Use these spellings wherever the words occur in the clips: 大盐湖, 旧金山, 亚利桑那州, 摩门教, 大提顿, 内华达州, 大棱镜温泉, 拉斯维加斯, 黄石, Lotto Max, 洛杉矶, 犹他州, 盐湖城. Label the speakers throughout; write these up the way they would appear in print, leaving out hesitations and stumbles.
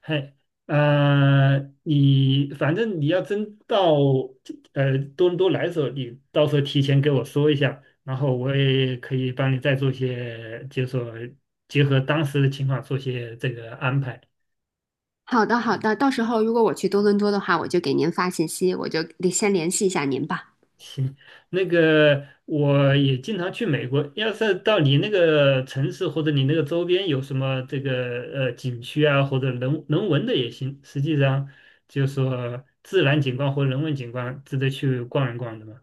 Speaker 1: 嘿，你反正你要真到多伦多来的时候，你到时候提前给我说一下，然后我也可以帮你再做些，就是说结合当时的情况做些这个安排。
Speaker 2: 好的，好的，到时候如果我去多伦多的话，我就给您发信息，我就得先联系一下您吧。
Speaker 1: 行。那个我也经常去美国，要是到你那个城市或者你那个周边有什么这个景区啊，或者人文的也行，实际上就是说自然景观或人文景观值得去逛一逛的嘛。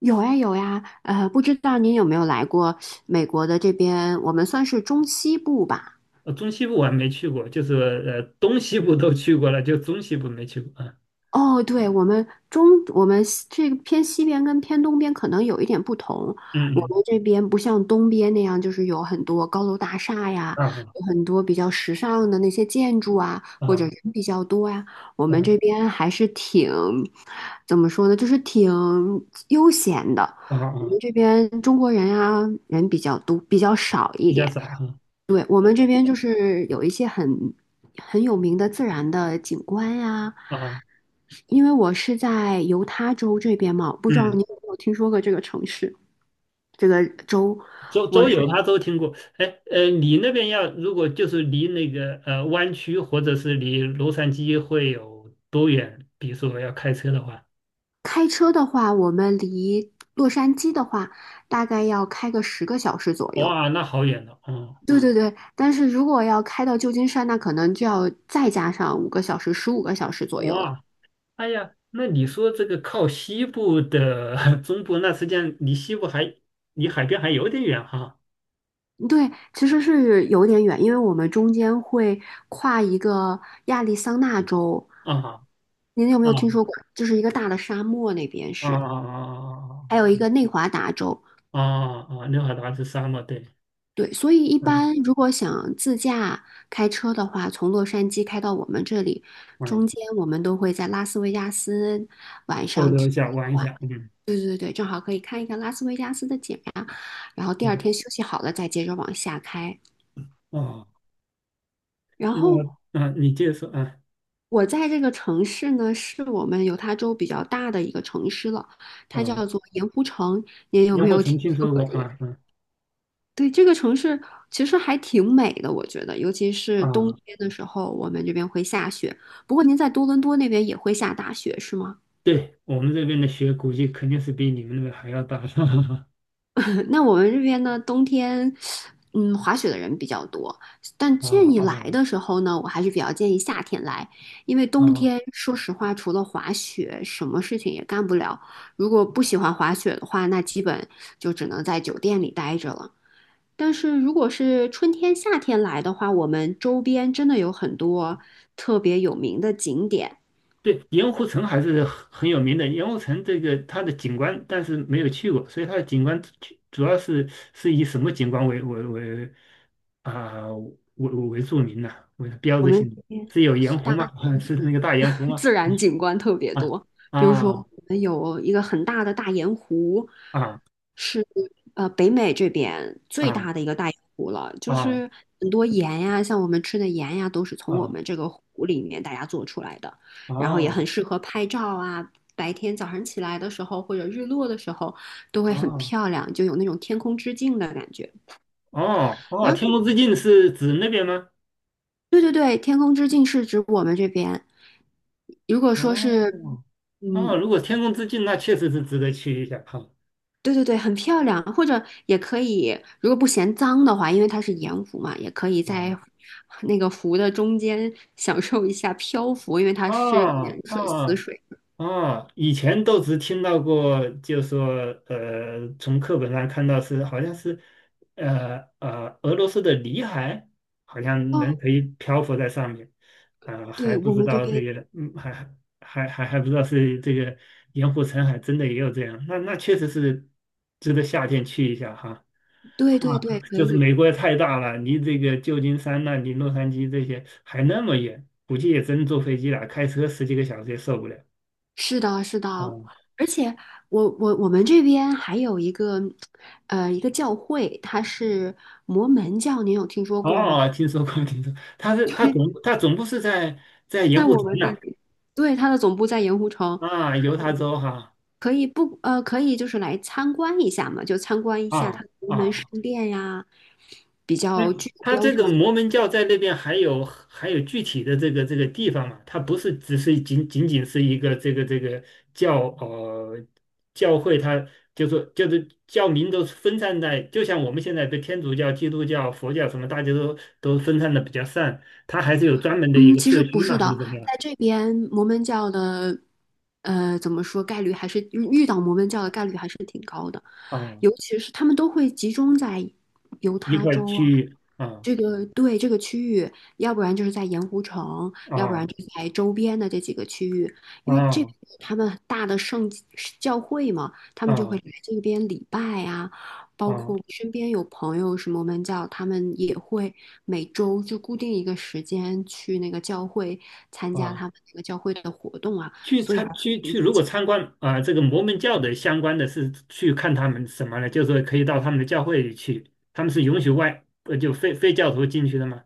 Speaker 2: 有呀，有呀，不知道您有没有来过美国的这边，我们算是中西部吧。
Speaker 1: 中西部我还没去过，就是东西部都去过了，就中西部没去过啊。
Speaker 2: 哦，对，我们西这个偏西边跟偏东边可能有一点不同。我
Speaker 1: 嗯
Speaker 2: 们这边不像东边那样，就是有很多高楼大厦呀，
Speaker 1: 嗯。啊
Speaker 2: 有很多比较时尚的那些建筑啊，或者
Speaker 1: 啊
Speaker 2: 人比较多呀。我们
Speaker 1: 啊
Speaker 2: 这边还是挺，怎么说呢，就是挺悠闲的。
Speaker 1: 啊
Speaker 2: 我
Speaker 1: 啊，
Speaker 2: 们这边中国人啊，人比较多，比较少一
Speaker 1: 比较
Speaker 2: 点。
Speaker 1: 少啊。
Speaker 2: 对，我们这边就是有一些很有名的自然的景观呀，
Speaker 1: 啊。
Speaker 2: 因为我是在犹他州这边嘛，不知道你
Speaker 1: 嗯，
Speaker 2: 有没有听说过这个城市，这个州。
Speaker 1: 周
Speaker 2: 我
Speaker 1: 周游
Speaker 2: 是
Speaker 1: 他都听过。哎。你那边要如果就是离那个湾区或者是离洛杉矶会有多远？比如说要开车的话。
Speaker 2: 开车的话，我们离洛杉矶的话，大概要开个10个小时左右。
Speaker 1: 哇，那好远了哦。
Speaker 2: 对嗯对对，但是如果要开到旧金山，那可能就要再加上五个小时，15个小时左右了。
Speaker 1: 哇，哎呀，那你说这个靠西部的 中部，那实际上离海边还有点远哈。
Speaker 2: 对，其实是有点远，因为我们中间会跨一个亚利桑那州，
Speaker 1: 啊。
Speaker 2: 您有没有听说
Speaker 1: 啊
Speaker 2: 过？就是一个大的沙漠那边
Speaker 1: 啊
Speaker 2: 是，
Speaker 1: 啊
Speaker 2: 还
Speaker 1: 啊
Speaker 2: 有一个内华达州。
Speaker 1: 啊啊！啊！啊啊，六海达是沙漠，对。
Speaker 2: 对，所以一
Speaker 1: 嗯。
Speaker 2: 般如果想自驾开车的话，从洛杉矶开到我们这里，中
Speaker 1: 嗯，
Speaker 2: 间我们都会在拉斯维加斯晚
Speaker 1: 逗
Speaker 2: 上
Speaker 1: 留
Speaker 2: 停
Speaker 1: 一下，
Speaker 2: 一
Speaker 1: 玩一
Speaker 2: 晚。
Speaker 1: 下。嗯。
Speaker 2: 对对对，正好可以看一看拉斯维加斯的景呀，然后第二
Speaker 1: 对。
Speaker 2: 天休息好了再接着往下开。
Speaker 1: 啊。
Speaker 2: 然
Speaker 1: 那
Speaker 2: 后
Speaker 1: 啊，你接着说啊。
Speaker 2: 我在这个城市呢，是我们犹他州比较大的一个城市了，它
Speaker 1: 啊，
Speaker 2: 叫做盐湖城。您有
Speaker 1: 年
Speaker 2: 没
Speaker 1: 货
Speaker 2: 有
Speaker 1: 曾
Speaker 2: 听
Speaker 1: 听
Speaker 2: 说
Speaker 1: 说过
Speaker 2: 过这个？
Speaker 1: 啊。嗯。
Speaker 2: 对，这个城市其实还挺美的，我觉得，尤其是冬
Speaker 1: 啊。
Speaker 2: 天的时候，我们这边会下雪。不过您在多伦多那边也会下大雪，是吗？
Speaker 1: 对我们这边的雪估计肯定是比你们那边还要大。
Speaker 2: 那我们这边呢，冬天，滑雪的人比较多，但
Speaker 1: 啊
Speaker 2: 建议
Speaker 1: 啊
Speaker 2: 来的时候呢，我还是比较建议夏天来，因为冬
Speaker 1: 啊。
Speaker 2: 天说实话，除了滑雪，什么事情也干不了。如果不喜欢滑雪的话，那基本就只能在酒店里待着了。但是如果是春天、夏天来的话，我们周边真的有很多特别有名的景点，
Speaker 1: 对，盐湖城还是很有名的。盐湖城这个它的景观，但是没有去过，所以它的景观主要是是以什么景观啊、为著名呢、为标
Speaker 2: 我
Speaker 1: 志性
Speaker 2: 们。
Speaker 1: 的。是有盐湖吗？是那个大盐湖吗？
Speaker 2: 自
Speaker 1: 嗯。
Speaker 2: 然景观特别多。比如说，
Speaker 1: 啊
Speaker 2: 我们有一个很大的大盐湖，
Speaker 1: 啊啊
Speaker 2: 是北美这边最
Speaker 1: 啊
Speaker 2: 大的一个大盐湖了，
Speaker 1: 啊
Speaker 2: 就
Speaker 1: 啊。
Speaker 2: 是很多盐呀，像我们吃的盐呀，都是从我
Speaker 1: 哦
Speaker 2: 们这个湖里面大家做出来的，然后也
Speaker 1: 哦
Speaker 2: 很适合拍照啊。白天早上起来的时候，或者日落的时候，都会很漂亮，就有那种天空之镜的感觉。
Speaker 1: 哦哦！
Speaker 2: 然后，
Speaker 1: 天空之镜是指那边吗？
Speaker 2: 对对对，天空之镜是指我们这边。如果说是，
Speaker 1: 哦哦。
Speaker 2: 嗯，
Speaker 1: 如果天空之镜，那确实是值得去一下哈。
Speaker 2: 对对对，很漂亮，或者也可以，如果不嫌脏的话，因为它是盐湖嘛，也可以在
Speaker 1: 啊。
Speaker 2: 那个湖的中间享受一下漂浮，因为它是
Speaker 1: 哦
Speaker 2: 盐水、死
Speaker 1: 哦。
Speaker 2: 水。
Speaker 1: 啊，以前都只听到过，就说从课本上看到好像是，俄罗斯的里海好像
Speaker 2: 哦，
Speaker 1: 人可以漂浮在上面。还
Speaker 2: 对，
Speaker 1: 不
Speaker 2: 我
Speaker 1: 知
Speaker 2: 们这
Speaker 1: 道这
Speaker 2: 边，
Speaker 1: 个。嗯。还不知道是这个盐湖城海真的也有这样，那确实是值得夏天去一下哈。啊。
Speaker 2: 对对对，可
Speaker 1: 就是
Speaker 2: 以，
Speaker 1: 美国太大了，离这个旧金山呐、离洛杉矶这些还那么远，估计也真坐飞机了，开车十几个小时也受不了。
Speaker 2: 是的，是的，
Speaker 1: 嗯。
Speaker 2: 而且我们这边还有一个，一个教会，它是摩门教，您有听说
Speaker 1: 哦。
Speaker 2: 过吗？
Speaker 1: 哦哦，听说过，听说过。他是
Speaker 2: 对，
Speaker 1: 他总部是在盐
Speaker 2: 在
Speaker 1: 湖
Speaker 2: 我
Speaker 1: 城
Speaker 2: 们这
Speaker 1: 呐。
Speaker 2: 里，对，它的总部在盐湖城。
Speaker 1: 啊。犹他州哈。
Speaker 2: 可以不呃，可以就是来参观一下嘛，就参观一下它
Speaker 1: 啊
Speaker 2: 的龙门石
Speaker 1: 啊。
Speaker 2: 殿呀，比
Speaker 1: 那
Speaker 2: 较具有
Speaker 1: 他
Speaker 2: 标
Speaker 1: 这
Speaker 2: 志
Speaker 1: 个
Speaker 2: 性。
Speaker 1: 摩门教在那边还有具体的这个地方嘛？它不是只是仅仅是一个这个教呃教会它，就是教民都分散在，就像我们现在的天主教、基督教、佛教什么，大家都分散的比较散，它还是有专门的一
Speaker 2: 嗯，
Speaker 1: 个
Speaker 2: 其
Speaker 1: 社
Speaker 2: 实不
Speaker 1: 区
Speaker 2: 是
Speaker 1: 嘛，还是
Speaker 2: 的，
Speaker 1: 怎么样？
Speaker 2: 在这边摩门教的，怎么说概率还是遇到摩门教的概率还是挺高的。
Speaker 1: 啊，
Speaker 2: 尤其是他们都会集中在犹
Speaker 1: 一
Speaker 2: 他
Speaker 1: 块儿
Speaker 2: 州啊，
Speaker 1: 去啊。
Speaker 2: 这个对这个区域，要不然就是在盐湖城，要不然
Speaker 1: 啊
Speaker 2: 就在周边的这几个区域，因为这
Speaker 1: 啊
Speaker 2: 边有他们大的圣教会嘛，他们就会来
Speaker 1: 啊
Speaker 2: 这边礼拜啊。包
Speaker 1: 啊
Speaker 2: 括我身边有朋友什么门教，他们也会每周就固定一个时间去那个教会参加他
Speaker 1: 啊。
Speaker 2: 们那个教会的活动啊，
Speaker 1: 去
Speaker 2: 所以还
Speaker 1: 参
Speaker 2: 是
Speaker 1: 去
Speaker 2: 挺
Speaker 1: 去，如
Speaker 2: 聚
Speaker 1: 果参观啊这个摩门教的相关的是去看他们什么呢？就是说可以到他们的教会里去，他们是允许就非教徒进去的吗？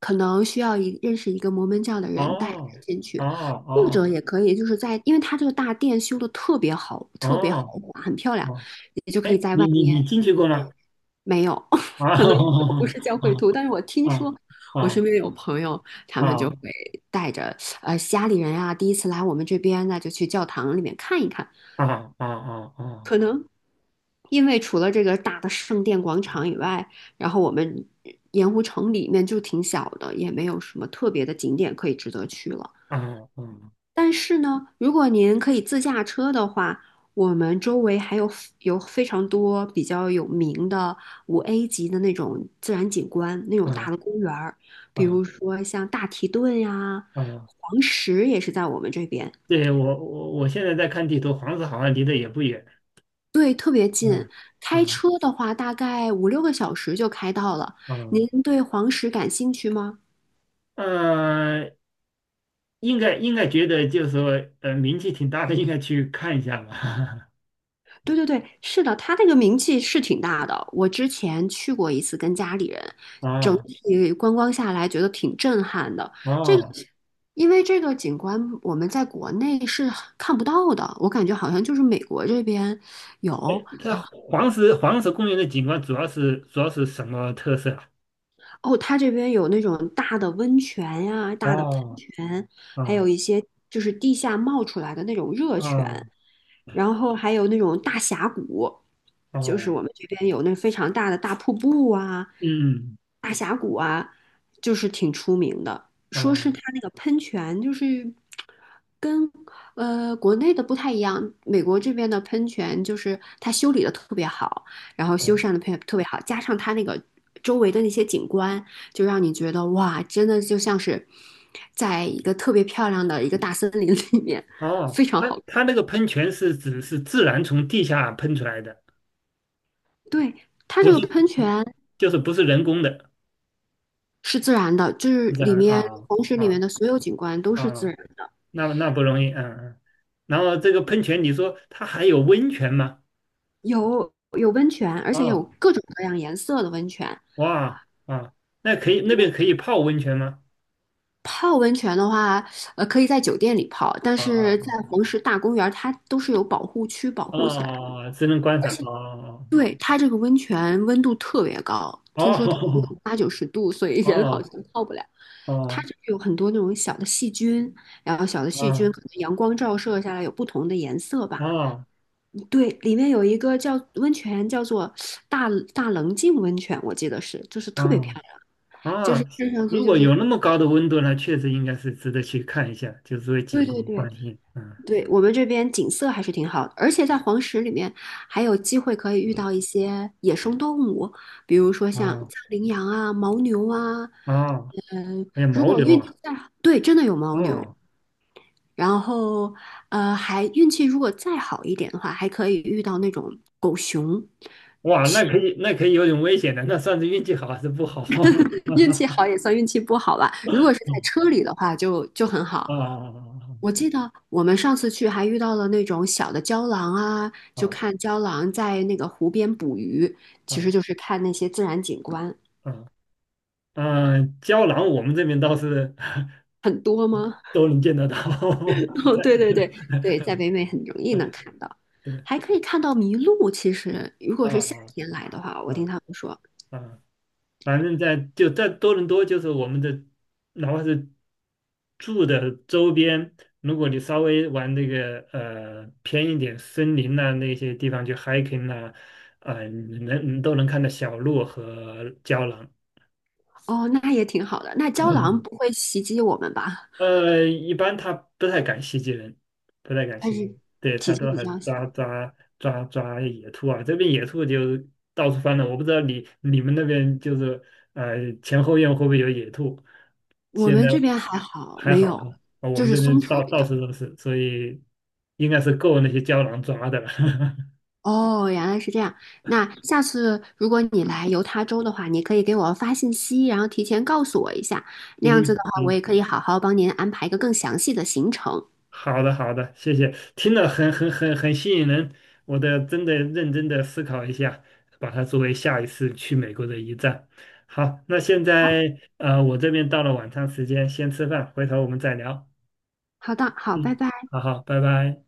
Speaker 2: 可能需要一认识一个摩门教的人带着
Speaker 1: 哦
Speaker 2: 进去，或
Speaker 1: 哦
Speaker 2: 者也可以就是在，因为它这个大殿修的特别好，
Speaker 1: 哦
Speaker 2: 特别豪
Speaker 1: 哦
Speaker 2: 华，很漂亮，
Speaker 1: 哦。
Speaker 2: 也就可
Speaker 1: 哎，
Speaker 2: 以在外
Speaker 1: 你
Speaker 2: 面
Speaker 1: 进去过吗？
Speaker 2: 没有，可能因为我
Speaker 1: 啊。
Speaker 2: 不 是教会徒，但是我听
Speaker 1: 啊
Speaker 2: 说我身边有朋友，他
Speaker 1: 啊啊
Speaker 2: 们就会
Speaker 1: 啊
Speaker 2: 带着家里人啊，第一次来我们这边，那就去教堂里面看一看，
Speaker 1: 啊啊啊啊啊
Speaker 2: 因为除了这个大的圣殿广场以外，然后我们盐湖城里面就挺小的，也没有什么特别的景点可以值得去了。
Speaker 1: 啊啊
Speaker 2: 但是呢，如果您可以自驾车的话，我们周围还有 有非常多比较有名的5A级的那种自然景观，那种大的公园儿，
Speaker 1: 啊！
Speaker 2: 比
Speaker 1: 啊
Speaker 2: 如说像大提顿呀、
Speaker 1: 啊。
Speaker 2: 黄石也是在我们这边，
Speaker 1: 对，我现在在看地图，黄石好像离得也不远。
Speaker 2: 对，特别近。
Speaker 1: 嗯
Speaker 2: 开
Speaker 1: 嗯
Speaker 2: 车的话，大概五六个小时就开到了。您
Speaker 1: 嗯。
Speaker 2: 对黄石感兴趣吗？
Speaker 1: 嗯，应该觉得就是说，名气挺大的，应该去看一下吧。
Speaker 2: 对对对，是的，他那个名气是挺大的。我之前去过一次，跟家里人，整
Speaker 1: 哦
Speaker 2: 体观光下来觉得挺震撼的。这个，
Speaker 1: 哦。
Speaker 2: 因为这个景观我们在国内是看不到的，我感觉好像就是美国这边有，
Speaker 1: 哎，它
Speaker 2: 然后
Speaker 1: 黄石公园的景观主要是什么特色啊。
Speaker 2: 哦，他这边有那种大的温泉呀、大的喷
Speaker 1: 哦
Speaker 2: 泉，还有
Speaker 1: 哦
Speaker 2: 一些就是地下冒出来的那种热
Speaker 1: 哦
Speaker 2: 泉。然后还有那种大峡谷，就是
Speaker 1: 哦。
Speaker 2: 我们这边有那非常大的大瀑布啊、
Speaker 1: 嗯。
Speaker 2: 大峡谷啊，就是挺出名的。说是
Speaker 1: 哦
Speaker 2: 它那个喷泉，就是跟国内的不太一样，美国这边的喷泉就是它修理的特别好，然后
Speaker 1: 哦
Speaker 2: 修缮的特别好，加上它那个周围的那些景观，就让你觉得哇，真的就像是在一个特别漂亮的一个大森林里面，
Speaker 1: 哦。
Speaker 2: 非常
Speaker 1: 它
Speaker 2: 好。
Speaker 1: 它那个喷泉是指是自然从地下喷出来的，
Speaker 2: 对，它这个喷泉
Speaker 1: 就是不是人工的，
Speaker 2: 是自然的，就是
Speaker 1: 是这
Speaker 2: 里
Speaker 1: 样的
Speaker 2: 面
Speaker 1: 啊。
Speaker 2: 黄石
Speaker 1: 啊。
Speaker 2: 里面
Speaker 1: 啊
Speaker 2: 的所有景观都是自
Speaker 1: 啊
Speaker 2: 然的，
Speaker 1: 那不容易。嗯嗯。然后这个喷泉，你说它还有温泉吗？
Speaker 2: 有温泉，而且有
Speaker 1: 啊、
Speaker 2: 各种各样颜色的温泉。
Speaker 1: 哇啊。那可以，那边可以泡温泉吗？
Speaker 2: 泡温泉的话，可以在酒店里泡，但
Speaker 1: 啊
Speaker 2: 是在
Speaker 1: 啊
Speaker 2: 黄石大公园，它都是有保护区保
Speaker 1: 啊！
Speaker 2: 护起来
Speaker 1: 啊！
Speaker 2: 的。
Speaker 1: 哦，只能观赏。哦。
Speaker 2: 对，它这个温泉温度特别高，听说得有
Speaker 1: 哦
Speaker 2: 八九十度，所以人好
Speaker 1: 哦
Speaker 2: 像泡不了。
Speaker 1: 哦
Speaker 2: 它
Speaker 1: 哦
Speaker 2: 这有很多那种小的细菌，然后小的细菌
Speaker 1: 哦
Speaker 2: 可能阳光照射下来有不同的颜色吧。
Speaker 1: 哦
Speaker 2: 对，里面有一个叫温泉，叫做大大棱镜温泉，我记得是，就是特别漂
Speaker 1: 哦！
Speaker 2: 亮，就是
Speaker 1: 哦，
Speaker 2: 看上去
Speaker 1: 如
Speaker 2: 就
Speaker 1: 果
Speaker 2: 是，
Speaker 1: 有那么高的温度呢，确实应该是值得去看一下，就是为
Speaker 2: 对
Speaker 1: 景
Speaker 2: 对
Speaker 1: 观
Speaker 2: 对
Speaker 1: 关心。嗯。
Speaker 2: 对，我们这边景色还是挺好的，而且在黄石里面还有机会可以遇到一些野生动物，比如说像
Speaker 1: 哦
Speaker 2: 羚羊啊、牦牛啊，
Speaker 1: 哦。
Speaker 2: 嗯、
Speaker 1: 哎呀，
Speaker 2: 如
Speaker 1: 牦
Speaker 2: 果
Speaker 1: 牛
Speaker 2: 运
Speaker 1: 啊。
Speaker 2: 气再好，对，真的有牦牛，
Speaker 1: 嗯。
Speaker 2: 然后还运气如果再好一点的话，还可以遇到那种狗熊。
Speaker 1: 哇，那可以，那可以有点危险的，那算是运气好还是不好？
Speaker 2: 运气好也算运气不好吧。如果是在车
Speaker 1: 嗯。
Speaker 2: 里的话就很
Speaker 1: 啊
Speaker 2: 好。
Speaker 1: 啊
Speaker 2: 我记得我们上次去还遇到了那种小的郊狼啊，就
Speaker 1: 啊
Speaker 2: 看郊狼在那个湖边捕鱼，
Speaker 1: 啊
Speaker 2: 其
Speaker 1: 啊
Speaker 2: 实就是看那些自然景观。
Speaker 1: 啊！嗯，胶囊我们这边倒是
Speaker 2: 很多吗？
Speaker 1: 都能见得到。
Speaker 2: 哦，
Speaker 1: 在。
Speaker 2: 对对对对，在北美很容 易能
Speaker 1: 嗯。
Speaker 2: 看到，
Speaker 1: 对。
Speaker 2: 还可以看到麋鹿。其实如果
Speaker 1: 啊
Speaker 2: 是夏
Speaker 1: 啊
Speaker 2: 天来的话，我听
Speaker 1: 啊
Speaker 2: 他们说，
Speaker 1: 啊。反正就在多伦多，就是我们的，哪怕是住的周边，如果你稍微往那个偏一点森林呐、那些地方去 hiking 呐、啊，你都能看到小鹿和胶囊。
Speaker 2: 哦，那也挺好的。那郊狼不 会袭击我们吧？
Speaker 1: 一般他不太敢袭击人，不太敢
Speaker 2: 它
Speaker 1: 袭击。
Speaker 2: 是
Speaker 1: 对，
Speaker 2: 体
Speaker 1: 他
Speaker 2: 积
Speaker 1: 都
Speaker 2: 比
Speaker 1: 还
Speaker 2: 较小。
Speaker 1: 抓野兔啊，这边野兔就到处翻了。我不知道你们那边就是前后院会不会有野兔？
Speaker 2: 我
Speaker 1: 现在
Speaker 2: 们这边还好，
Speaker 1: 还
Speaker 2: 没
Speaker 1: 好
Speaker 2: 有，
Speaker 1: 哈。啊，我
Speaker 2: 就
Speaker 1: 们
Speaker 2: 是
Speaker 1: 这
Speaker 2: 松
Speaker 1: 边
Speaker 2: 鼠
Speaker 1: 到
Speaker 2: 比
Speaker 1: 到
Speaker 2: 较。
Speaker 1: 处都是，所以应该是够那些胶囊抓的了。
Speaker 2: 哦，原来是这样。那下次如果你来犹他州的话，你可以给我发信息，然后提前告诉我一下。那样子的
Speaker 1: 嗯
Speaker 2: 话，我
Speaker 1: 嗯。
Speaker 2: 也可以好好帮您安排一个更详细的行程。
Speaker 1: 好的，好的，谢谢，听了很吸引人。我得真的认真的思考一下，把它作为下一次去美国的一站。好，那现
Speaker 2: 好，
Speaker 1: 在我这边到了晚餐时间，先吃饭，回头我们再聊。
Speaker 2: 好的，好，拜
Speaker 1: 嗯。
Speaker 2: 拜。
Speaker 1: 好好，拜拜。